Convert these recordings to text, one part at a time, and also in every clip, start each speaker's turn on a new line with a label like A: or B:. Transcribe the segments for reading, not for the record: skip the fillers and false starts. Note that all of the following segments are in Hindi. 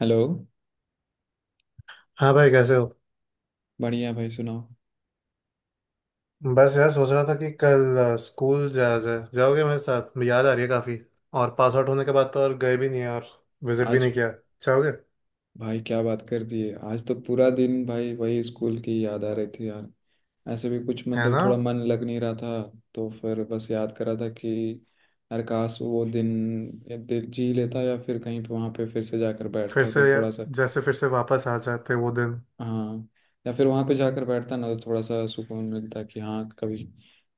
A: हेलो।
B: हाँ भाई, कैसे हो?
A: बढ़िया भाई सुनाओ।
B: बस यार, सोच रहा था कि कल स्कूल जाया जाए। जाओगे मेरे साथ? याद आ रही है काफ़ी। और पास आउट होने के बाद तो और गए भी नहीं है, और विजिट भी
A: आज।
B: नहीं किया। जाओगे?
A: भाई क्या बात कर दी है। आज तो पूरा दिन भाई वही स्कूल की याद आ रही थी यार। ऐसे भी कुछ
B: है ना।
A: मतलब थोड़ा मन लग नहीं रहा था। तो फिर बस याद कर रहा था कि यार काश वो दिन, या दिन जी लेता या फिर कहीं पे वहाँ पे फिर से जाकर
B: फिर
A: बैठता
B: से,
A: तो थोड़ा सा।
B: जैसे फिर से वापस आ जाते वो दिन।
A: हाँ। या फिर वहां पे जाकर बैठता ना तो थोड़ा सा सुकून मिलता कि हाँ कभी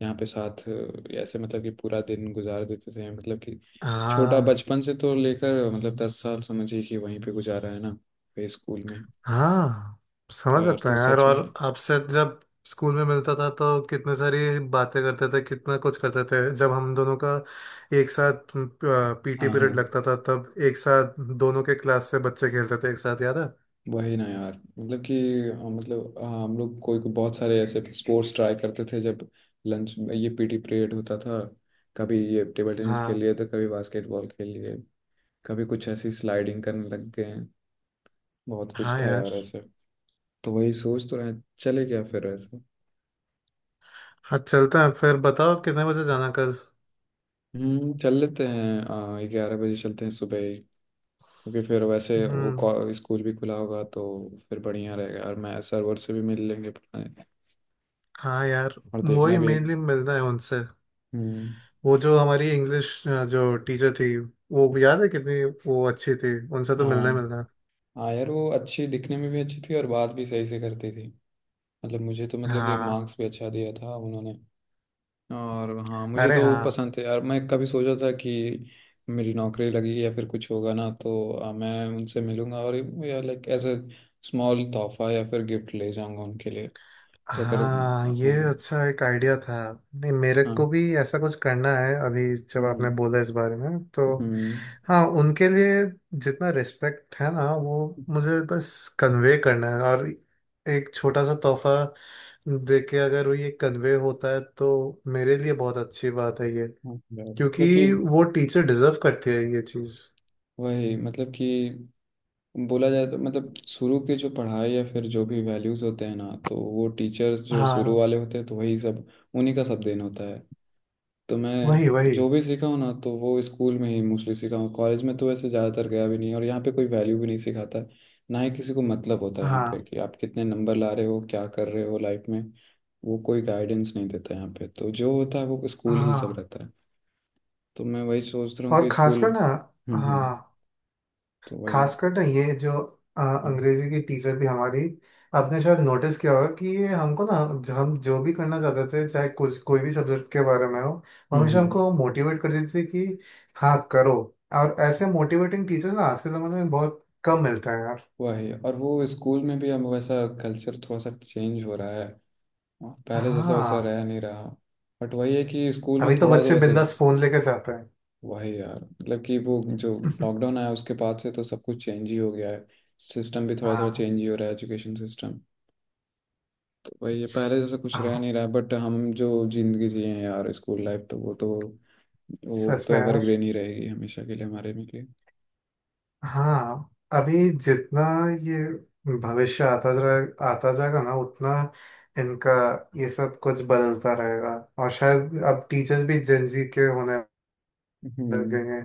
A: यहाँ पे साथ ऐसे मतलब कि पूरा दिन गुजार देते थे मतलब कि छोटा
B: हाँ,
A: बचपन से तो लेकर मतलब 10 साल समझिए कि वहीं पे गुजारा है ना वही स्कूल में।
B: हाँ
A: तो
B: समझ
A: यार
B: सकता
A: तो
B: हूँ यार।
A: सच
B: और
A: में।
B: आपसे जब स्कूल में मिलता था तो कितने सारी बातें करते थे, कितना कुछ करते थे। जब हम दोनों का एक साथ पीटी
A: हाँ हाँ।
B: पीरियड लगता था तब एक साथ दोनों के क्लास से बच्चे खेलते थे एक साथ, याद है?
A: वही ना यार। मतलब कि मतलब हम लोग कोई कोई बहुत सारे ऐसे स्पोर्ट्स ट्राई करते थे जब लंच में ये पीटी पीरियड होता था। कभी ये टेबल टेनिस खेल
B: हाँ।
A: लिए तो कभी बास्केटबॉल खेल लिए। कभी कुछ ऐसी स्लाइडिंग करने लग गए। बहुत कुछ
B: हाँ
A: था
B: यार।
A: यार ऐसे। तो वही सोच तो रहे हैं चले क्या फिर ऐसे।
B: हाँ चलता है, फिर बताओ कितने बजे जाना कल।
A: चल लेते हैं 11 बजे चलते हैं सुबह ही। क्योंकि फिर वैसे वो
B: हम्म।
A: स्कूल भी खुला होगा तो फिर बढ़िया रहेगा और मैं सरवर से भी मिल लेंगे पुराने।
B: हाँ यार,
A: और देखना
B: वही
A: भी।
B: मेनली मिलना है उनसे।
A: हम्म।
B: वो जो हमारी इंग्लिश जो टीचर थी, वो भी याद है कितनी वो अच्छी थी, उनसे तो मिलना
A: हाँ
B: ही मिलना है।
A: हाँ यार वो अच्छी दिखने में भी अच्छी थी और बात भी सही से करती थी। मतलब मुझे तो मतलब कि
B: हाँ।
A: मार्क्स भी अच्छा दिया था उन्होंने। और हाँ मुझे
B: अरे
A: तो वो
B: हाँ।
A: पसंद थे यार मैं कभी सोचा था कि मेरी नौकरी लगेगी या फिर कुछ होगा ना तो मैं उनसे मिलूंगा और या लाइक एज ए स्मॉल तोहफा या फिर गिफ्ट ले जाऊंगा उनके लिए। तो अगर
B: हाँ,
A: हाँ।
B: ये अच्छा एक आइडिया था। नहीं, मेरे को
A: हाँ।
B: भी ऐसा कुछ करना है, अभी जब आपने
A: हम्म।
B: बोला इस बारे में तो।
A: हम्म,
B: हाँ, उनके लिए जितना रिस्पेक्ट है ना, वो मुझे बस कन्वे करना है। और एक छोटा सा तोहफा दे के अगर वो ये कन्वे होता है तो मेरे लिए बहुत अच्छी बात है ये।
A: हाँ यार, मतलब कि
B: क्योंकि वो टीचर डिजर्व करती है ये चीज़।
A: वही मतलब कि बोला जाए तो मतलब शुरू के जो पढ़ाई या फिर जो भी वैल्यूज़ होते हैं ना तो वो टीचर्स जो शुरू
B: हाँ,
A: वाले होते हैं तो वही सब उन्हीं का सब देन होता है। तो
B: वही
A: मैं
B: वही।
A: जो भी सीखा हूँ ना तो वो स्कूल में ही मोस्टली सीखा हूँ। कॉलेज में तो वैसे ज़्यादातर गया भी नहीं और यहाँ पे कोई वैल्यू भी नहीं सिखाता है। ना ही किसी को मतलब होता है यहाँ पे
B: हाँ।
A: कि आप कितने नंबर ला रहे हो क्या कर रहे हो लाइफ में। वो कोई गाइडेंस नहीं देता यहाँ पे तो जो होता है वो स्कूल ही सब
B: हाँ,
A: रहता है। तो मैं वही सोच रहा हूँ
B: और
A: कि स्कूल।
B: खासकर ना।
A: हम्म।
B: हाँ,
A: तो वही।
B: खासकर ना ये जो
A: हाँ।
B: अंग्रेजी की टीचर थी हमारी। आपने शायद नोटिस किया होगा कि ये हमको ना, जो हम जो भी करना चाहते थे, चाहे कुछ कोई भी सब्जेक्ट के बारे में हो, वो हमेशा
A: हम्म।
B: हमको मोटिवेट कर देती थी कि हाँ करो। और ऐसे मोटिवेटिंग टीचर्स ना आज के ज़माने में बहुत कम मिलते हैं यार।
A: वही और वो स्कूल में भी अब वैसा कल्चर थोड़ा सा चेंज हो रहा है। पहले जैसा वैसा
B: हाँ,
A: रह नहीं रहा। बट वही है कि स्कूल में
B: अभी तो
A: थोड़ा तो
B: बच्चे
A: ऐसे।
B: बिंदास फोन लेके जाते हैं।
A: वही यार मतलब कि वो जो लॉकडाउन आया उसके बाद से तो सब कुछ चेंज ही हो गया है। सिस्टम भी थोड़ा थोड़ा
B: हाँ,
A: चेंज ही हो रहा है एजुकेशन सिस्टम। तो वही है पहले जैसा कुछ रह
B: हाँ,
A: नहीं रहा है बट हम जो जिंदगी जिए हैं यार स्कूल लाइफ तो वो तो
B: सच में यार।
A: एवरग्रीन ही रहेगी हमेशा के लिए हमारे में लिए।
B: हाँ, अभी जितना ये भविष्य आता जाएगा ना, उतना इनका ये सब कुछ बदलता रहेगा। और शायद अब टीचर्स भी जेंजी के होने लग
A: हम्म।
B: गए हैं,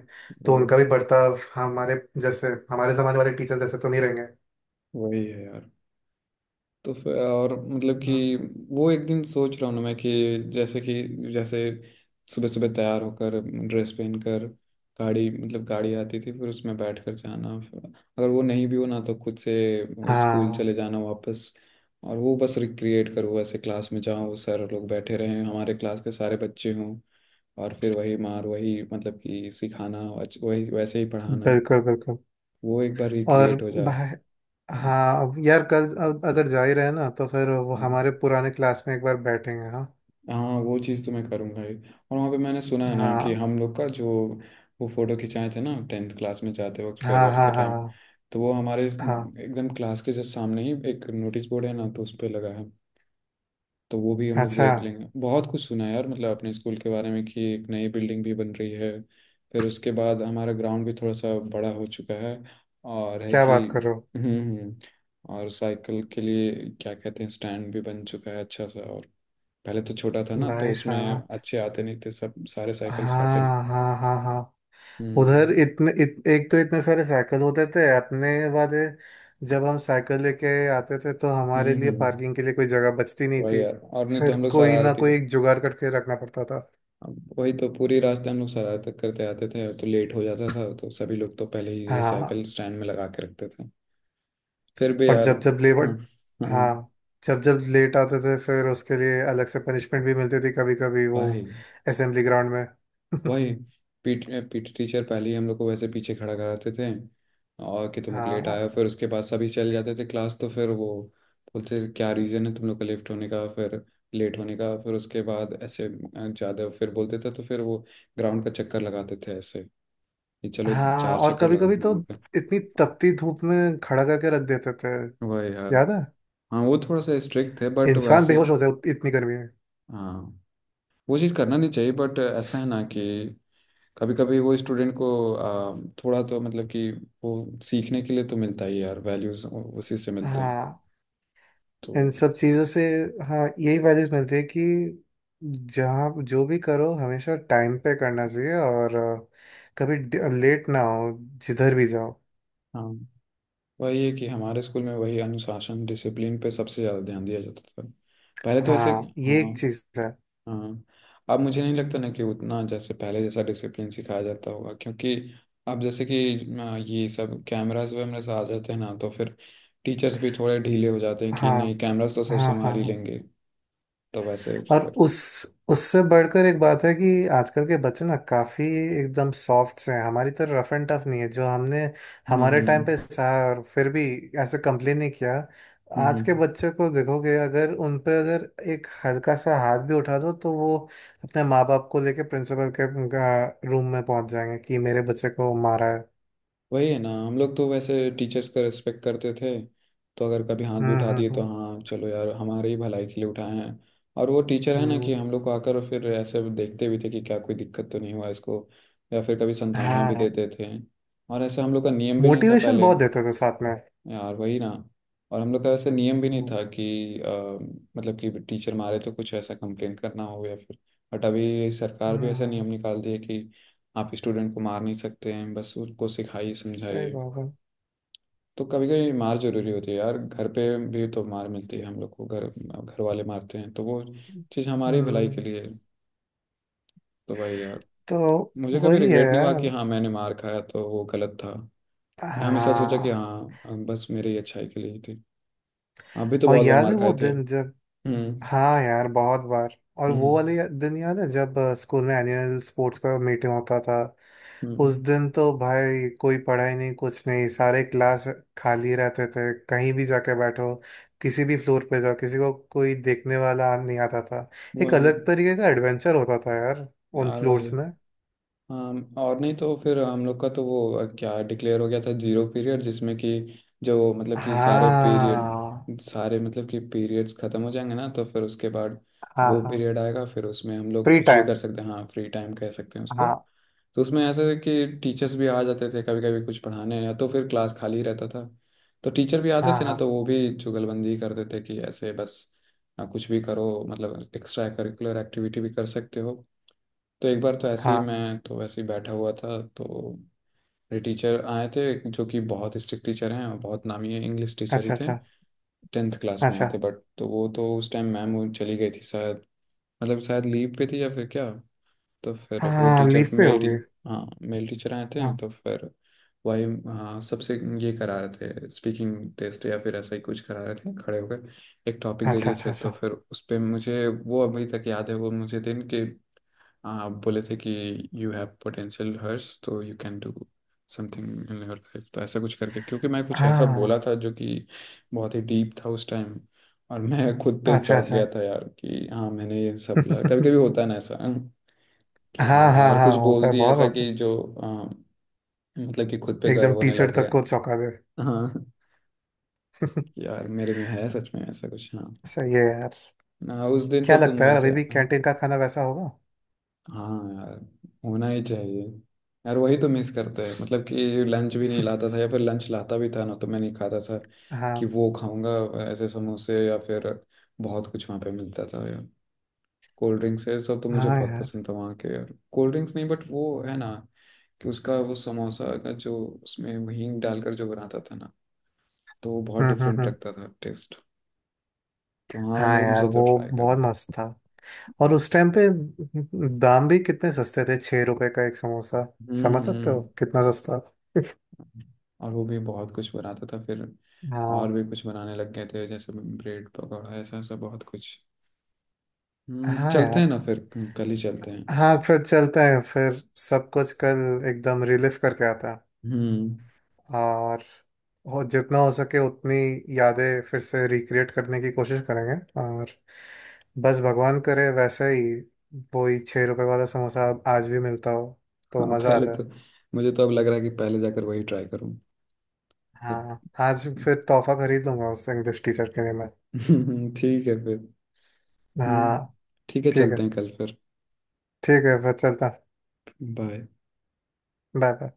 B: तो
A: वही।
B: उनका भी बर्ताव हमारे, जैसे हमारे जमाने वाले टीचर्स जैसे तो नहीं रहेंगे।
A: वही है यार। तो फिर और मतलब
B: हम्म।
A: कि वो एक दिन सोच रहा हूँ ना मैं कि जैसे कि जैसे सुबह सुबह तैयार होकर ड्रेस पहनकर गाड़ी मतलब गाड़ी आती थी फिर उसमें बैठकर जाना फिर अगर वो नहीं भी हो ना तो खुद से वो स्कूल
B: हाँ,
A: चले जाना वापस। और वो बस रिक्रिएट करूँ ऐसे क्लास में जाऊँ वो सारे लोग बैठे रहें हमारे क्लास के सारे बच्चे हों। और फिर वही मार वही मतलब कि सिखाना वही वैसे ही पढ़ाना।
B: बिल्कुल बिल्कुल।
A: वो एक बार
B: और
A: रिक्रिएट हो जा।
B: भाई,
A: हम्म,
B: हाँ अब यार कल अब अगर जा ही रहे ना तो फिर वो
A: हाँ
B: हमारे पुराने क्लास में एक बार बैठेंगे। हाँ,
A: हाँ। वो चीज़ तो मैं करूँगा ही और वहाँ पे मैंने सुना है ना कि
B: हाँ,
A: हम लोग का जो वो फ़ोटो खिंचाए थे ना टेंथ क्लास में जाते वक्त
B: हाँ,
A: फेयरवेल के
B: हाँ, हाँ,
A: टाइम। तो वो हमारे
B: हाँ।
A: एकदम क्लास के जस्ट सामने ही एक नोटिस बोर्ड है ना तो उस पर लगा है। तो वो भी हम लोग
B: अच्छा,
A: देख लेंगे बहुत कुछ सुना है यार मतलब अपने स्कूल के बारे में कि एक नई बिल्डिंग भी बन रही है। फिर उसके बाद हमारा ग्राउंड भी थोड़ा सा बड़ा हो चुका है। और है
B: क्या
A: कि
B: बात कर रहे हो!
A: हम्म हम्म, और साइकिल के लिए क्या कहते हैं स्टैंड भी बन चुका है अच्छा सा। और पहले तो छोटा था ना तो
B: भाई
A: उसमें
B: साहब!
A: अच्छे आते नहीं थे सब सारे साइकिल्स आते नहीं
B: हाँ, हाँ, हाँ, हाँ।
A: थे।
B: उधर इतने एक तो इतने सारे साइकिल होते थे अपने वाले, जब हम साइकिल लेके आते थे तो हमारे
A: हम्म
B: लिए
A: हम्म,
B: पार्किंग के लिए कोई जगह बचती नहीं
A: वही
B: थी।
A: यार और नहीं तो
B: फिर
A: हम लोग
B: कोई ना
A: शरारती के।
B: कोई एक जुगाड़ करके रखना पड़ता था।
A: अब वही तो पूरी रास्ते हम लोग शरारत करते आते थे तो लेट हो जाता था तो सभी लोग तो पहले ही
B: हाँ,
A: साइकिल स्टैंड में लगा के रखते थे। फिर भी
B: और
A: यार।
B: जब जब लेबर।
A: हाँ हाँ।
B: हाँ, जब जब लेट आते थे, फिर उसके लिए अलग से पनिशमेंट भी मिलती थी कभी कभी, वो
A: भाई
B: असेंबली ग्राउंड में।
A: वही। पीट पीटी टीचर पहले ही हम लोग को वैसे पीछे खड़ा कराते थे। और कि तुम लोग लेट
B: हाँ,
A: आए हो फिर उसके बाद सभी चले जाते थे क्लास तो फिर वो बोलते थे, क्या रीज़न है तुम लोग का लेफ्ट होने का फिर लेट होने का फिर उसके बाद ऐसे ज़्यादा फिर बोलते थे तो फिर वो ग्राउंड का चक्कर लगाते थे ऐसे कि चलो
B: हाँ,
A: चार
B: और
A: चक्कर
B: कभी
A: लगाओ
B: कभी तो
A: ग्राउंड पे।
B: इतनी तपती धूप में खड़ा करके रख देते थे,
A: वही यार।
B: याद है?
A: हाँ वो थोड़ा सा स्ट्रिक्ट थे बट
B: इंसान
A: वैसे।
B: बेहोश हो जाए उत- इतनी गर्मी में।
A: हाँ वो चीज़ करना नहीं चाहिए बट ऐसा है ना कि कभी कभी वो स्टूडेंट को आ, थोड़ा तो मतलब कि वो सीखने के लिए तो मिलता ही है यार वैल्यूज उसी से मिलते हैं।
B: हाँ,
A: तो
B: इन सब चीजों से, हाँ यही वैल्यूज मिलती है कि जहाँ जो भी करो हमेशा टाइम पे करना चाहिए, और कभी लेट ना हो जिधर भी जाओ।
A: हाँ वही है कि हमारे स्कूल में वही अनुशासन डिसिप्लिन पे सबसे ज़्यादा ध्यान दिया जाता था। पहले तो ऐसे
B: हाँ, ये
A: हाँ
B: एक चीज है।
A: हाँ। अब मुझे नहीं लगता ना कि उतना जैसे पहले जैसा डिसिप्लिन सिखाया जाता होगा क्योंकि अब जैसे कि ये सब कैमरास वैमरास आ जाते हैं ना तो फिर टीचर्स भी थोड़े ढीले हो जाते हैं कि
B: हाँ,
A: नहीं कैमरास तो सब
B: हाँ, हाँ,
A: संभाल ही
B: हाँ।
A: लेंगे। तो वैसे
B: और
A: फिर
B: उस, उससे बढ़कर एक बात है कि आजकल के बच्चे ना काफी एकदम सॉफ्ट से हैं, हमारी तरह रफ एंड टफ नहीं है। जो हमने
A: हम्म
B: हमारे टाइम
A: हम्म
B: पे सहा है, और फिर भी ऐसे कंप्लेन नहीं किया।
A: हम्म
B: आज के
A: हम्म।
B: बच्चे को देखोगे, अगर उन पे अगर एक हल्का सा हाथ भी उठा दो तो वो अपने माँ बाप को लेके प्रिंसिपल के रूम में पहुंच जाएंगे कि मेरे बच्चे को मारा है।
A: वही है ना हम लोग तो वैसे टीचर्स का रिस्पेक्ट करते थे तो अगर कभी हाथ भी
B: हम्म,
A: उठा दिए तो
B: हम्म।
A: हाँ चलो यार हमारे ही भलाई के लिए उठाए हैं। और वो टीचर है
B: हम्म।
A: ना कि हम लोग को आकर फिर ऐसे देखते भी थे कि क्या कोई दिक्कत तो नहीं हुआ इसको या फिर कभी संतावना भी
B: हाँ,
A: देते थे। और ऐसे हम लोग का नियम भी नहीं था
B: मोटिवेशन
A: पहले।
B: बहुत देते थे साथ में।
A: यार वही ना। और हम लोग का ऐसे नियम भी नहीं
B: हम्म,
A: था कि मतलब कि टीचर मारे तो कुछ ऐसा कंप्लेन करना हो या फिर बट अभी सरकार भी
B: हम्म,
A: ऐसा नियम
B: हम्म।
A: निकाल दी है कि आप स्टूडेंट को मार नहीं सकते हैं बस उनको सिखाइए
B: सही
A: समझाइए।
B: बात है।
A: तो कभी कभी मार जरूरी होती है यार घर पे भी तो मार मिलती है हम लोग को घर। घर वाले मारते हैं तो वो चीज़ हमारी भलाई के
B: हम्म।
A: लिए है। तो भाई यार
B: तो
A: मुझे कभी
B: वही है
A: रिग्रेट नहीं हुआ कि
B: यार।
A: हाँ मैंने मार खाया तो वो गलत था। मैं हमेशा सोचा कि
B: हाँ,
A: हाँ अब बस मेरी ही अच्छाई के लिए ही थी। आप भी तो
B: और
A: बहुत बार
B: याद है
A: मार
B: वो
A: खाए थे।
B: दिन जब।
A: हम्म
B: हाँ यार, बहुत बार। और वो वाले
A: हम्म
B: दिन याद है जब स्कूल में एनुअल स्पोर्ट्स का मीटिंग होता था?
A: हम्म।
B: उस दिन तो भाई कोई पढ़ाई नहीं, कुछ नहीं, सारे क्लास खाली रहते थे, कहीं भी जाके बैठो, किसी भी फ्लोर पे जाओ, किसी को कोई देखने वाला नहीं आता था। एक
A: वही
B: अलग तरीके का एडवेंचर होता था यार उन
A: यार। वही
B: फ्लोर्स में।
A: हाँ और नहीं तो फिर हम लोग का तो वो क्या डिक्लेयर हो गया था जीरो पीरियड जिसमें कि जो मतलब कि सारे
B: हाँ,
A: पीरियड सारे मतलब कि पीरियड्स खत्म हो जाएंगे ना तो फिर उसके बाद
B: हाँ।
A: वो
B: हाँ,
A: पीरियड आएगा फिर उसमें हम लोग
B: फ्री
A: कुछ भी
B: टाइम।
A: कर सकते हैं हाँ फ्री टाइम कह सकते हैं उसको।
B: हाँ,
A: तो उसमें ऐसा है कि टीचर्स भी आ जाते थे कभी कभी कुछ पढ़ाने या तो फिर क्लास खाली रहता था तो टीचर भी आते
B: हाँ,
A: थे ना
B: हाँ,
A: तो वो भी चुगलबंदी करते थे कि ऐसे बस कुछ भी करो मतलब एक्स्ट्रा करिकुलर एक्टिविटी भी कर सकते हो। तो एक बार तो ऐसे ही
B: हाँ।
A: मैं तो वैसे ही बैठा हुआ था तो मेरे टीचर आए थे जो कि बहुत स्ट्रिक्ट टीचर हैं और बहुत नामी है, इंग्लिश टीचर ही
B: अच्छा,
A: थे।
B: अच्छा,
A: टेंथ क्लास में आए
B: अच्छा।
A: थे बट तो वो तो उस टाइम मैम वो चली गई थी शायद। मतलब शायद लीव पे थी या फिर क्या। तो फिर
B: हाँ,
A: वो
B: हाँ,
A: टीचर
B: लीफ पे
A: मेल टी
B: होगी।
A: हाँ मेल टीचर आए थे
B: हाँ।
A: तो फिर। वही। हाँ सबसे ये करा रहे थे स्पीकिंग टेस्ट या फिर ऐसा ही कुछ करा रहे थे खड़े होकर एक टॉपिक दे
B: अच्छा,
A: दिए
B: अच्छा,
A: थे
B: अच्छा।
A: तो फिर उस पे मुझे वो अभी तक याद है वो मुझे दिन के। हाँ, आप बोले थे कि यू हैव पोटेंशियल हर्ष तो you can do something in your life तो ऐसा कुछ करके क्योंकि मैं कुछ ऐसा
B: हाँ।
A: बोला था जो कि बहुत ही डीप था उस टाइम। और मैं खुद पे
B: अच्छा,
A: चौंक
B: अच्छा।
A: गया था यार कि हाँ मैंने ये सब बोला कभी कभी होता है ना ऐसा कि
B: हाँ,
A: हाँ
B: हाँ,
A: यार
B: हाँ,
A: कुछ
B: होता
A: बोल
B: है,
A: दिया
B: बहुत
A: ऐसा
B: होता
A: कि जो मतलब कि खुद पे
B: है,
A: गर्व
B: एकदम
A: होने
B: टीचर
A: लग
B: तक
A: गया।
B: को चौंका दे।
A: हाँ कि यार मेरे में है सच में ऐसा कुछ हाँ।
B: सही है यार।
A: हाँ, उस दिन
B: क्या
A: तो
B: लगता
A: तुम
B: है यार,
A: ऐसे
B: अभी भी
A: हाँ।
B: कैंटीन का खाना वैसा होगा?
A: हाँ यार होना ही चाहिए। यार वही तो मिस करते हैं मतलब कि लंच भी नहीं लाता था या फिर लंच लाता भी था ना तो मैं नहीं खाता था कि
B: हाँ।
A: वो खाऊंगा ऐसे समोसे या फिर बहुत कुछ वहाँ पे मिलता था यार। कोल्ड ड्रिंक्स है सब तो मुझे
B: हाँ
A: बहुत
B: यार।
A: पसंद था वहाँ के यार कोल्ड ड्रिंक्स नहीं बट वो है ना कि उसका वो समोसा का जो उसमें हींग डालकर जो बनाता था ना तो वो बहुत
B: हम्म, हम्म,
A: डिफरेंट
B: हम्म।
A: लगता था टेस्ट। तो हाँ
B: हाँ
A: वो
B: यार,
A: मुझे तो
B: वो
A: ट्राई
B: बहुत
A: करना।
B: मस्त था। और उस टाइम पे दाम भी कितने सस्ते थे, 6 रुपए का एक समोसा, समझ सकते
A: हम्म।
B: हो कितना सस्ता।
A: और वो भी बहुत कुछ बनाता था फिर और
B: हाँ।
A: भी कुछ बनाने लग गए थे जैसे ब्रेड पकौड़ा ऐसा ऐसा बहुत कुछ।
B: हाँ
A: चलते हैं
B: यार।
A: ना फिर कल ही चलते हैं।
B: हाँ फिर चलते हैं फिर, सब कुछ कल एकदम रिलीफ करके आता है।
A: हम्म।
B: और हो जितना हो सके उतनी यादें फिर से रिक्रिएट करने की कोशिश करेंगे। और बस भगवान करे वैसे ही वो ही 6 रुपए वाला समोसा अब आज भी मिलता हो तो
A: हाँ
B: मज़ा आ
A: पहले
B: जाए।
A: तो मुझे तो अब लग रहा है कि पहले जाकर वही ट्राई करूँ। तो
B: हाँ, आज फिर तोहफा खरीद लूंगा उस इंग्लिश टीचर के लिए मैं।
A: ठीक है फिर।
B: हाँ।
A: हम्म। ठीक है
B: ठीक है,
A: चलते हैं कल फिर।
B: ठीक है फिर चलता।
A: बाय।
B: Bye, bye.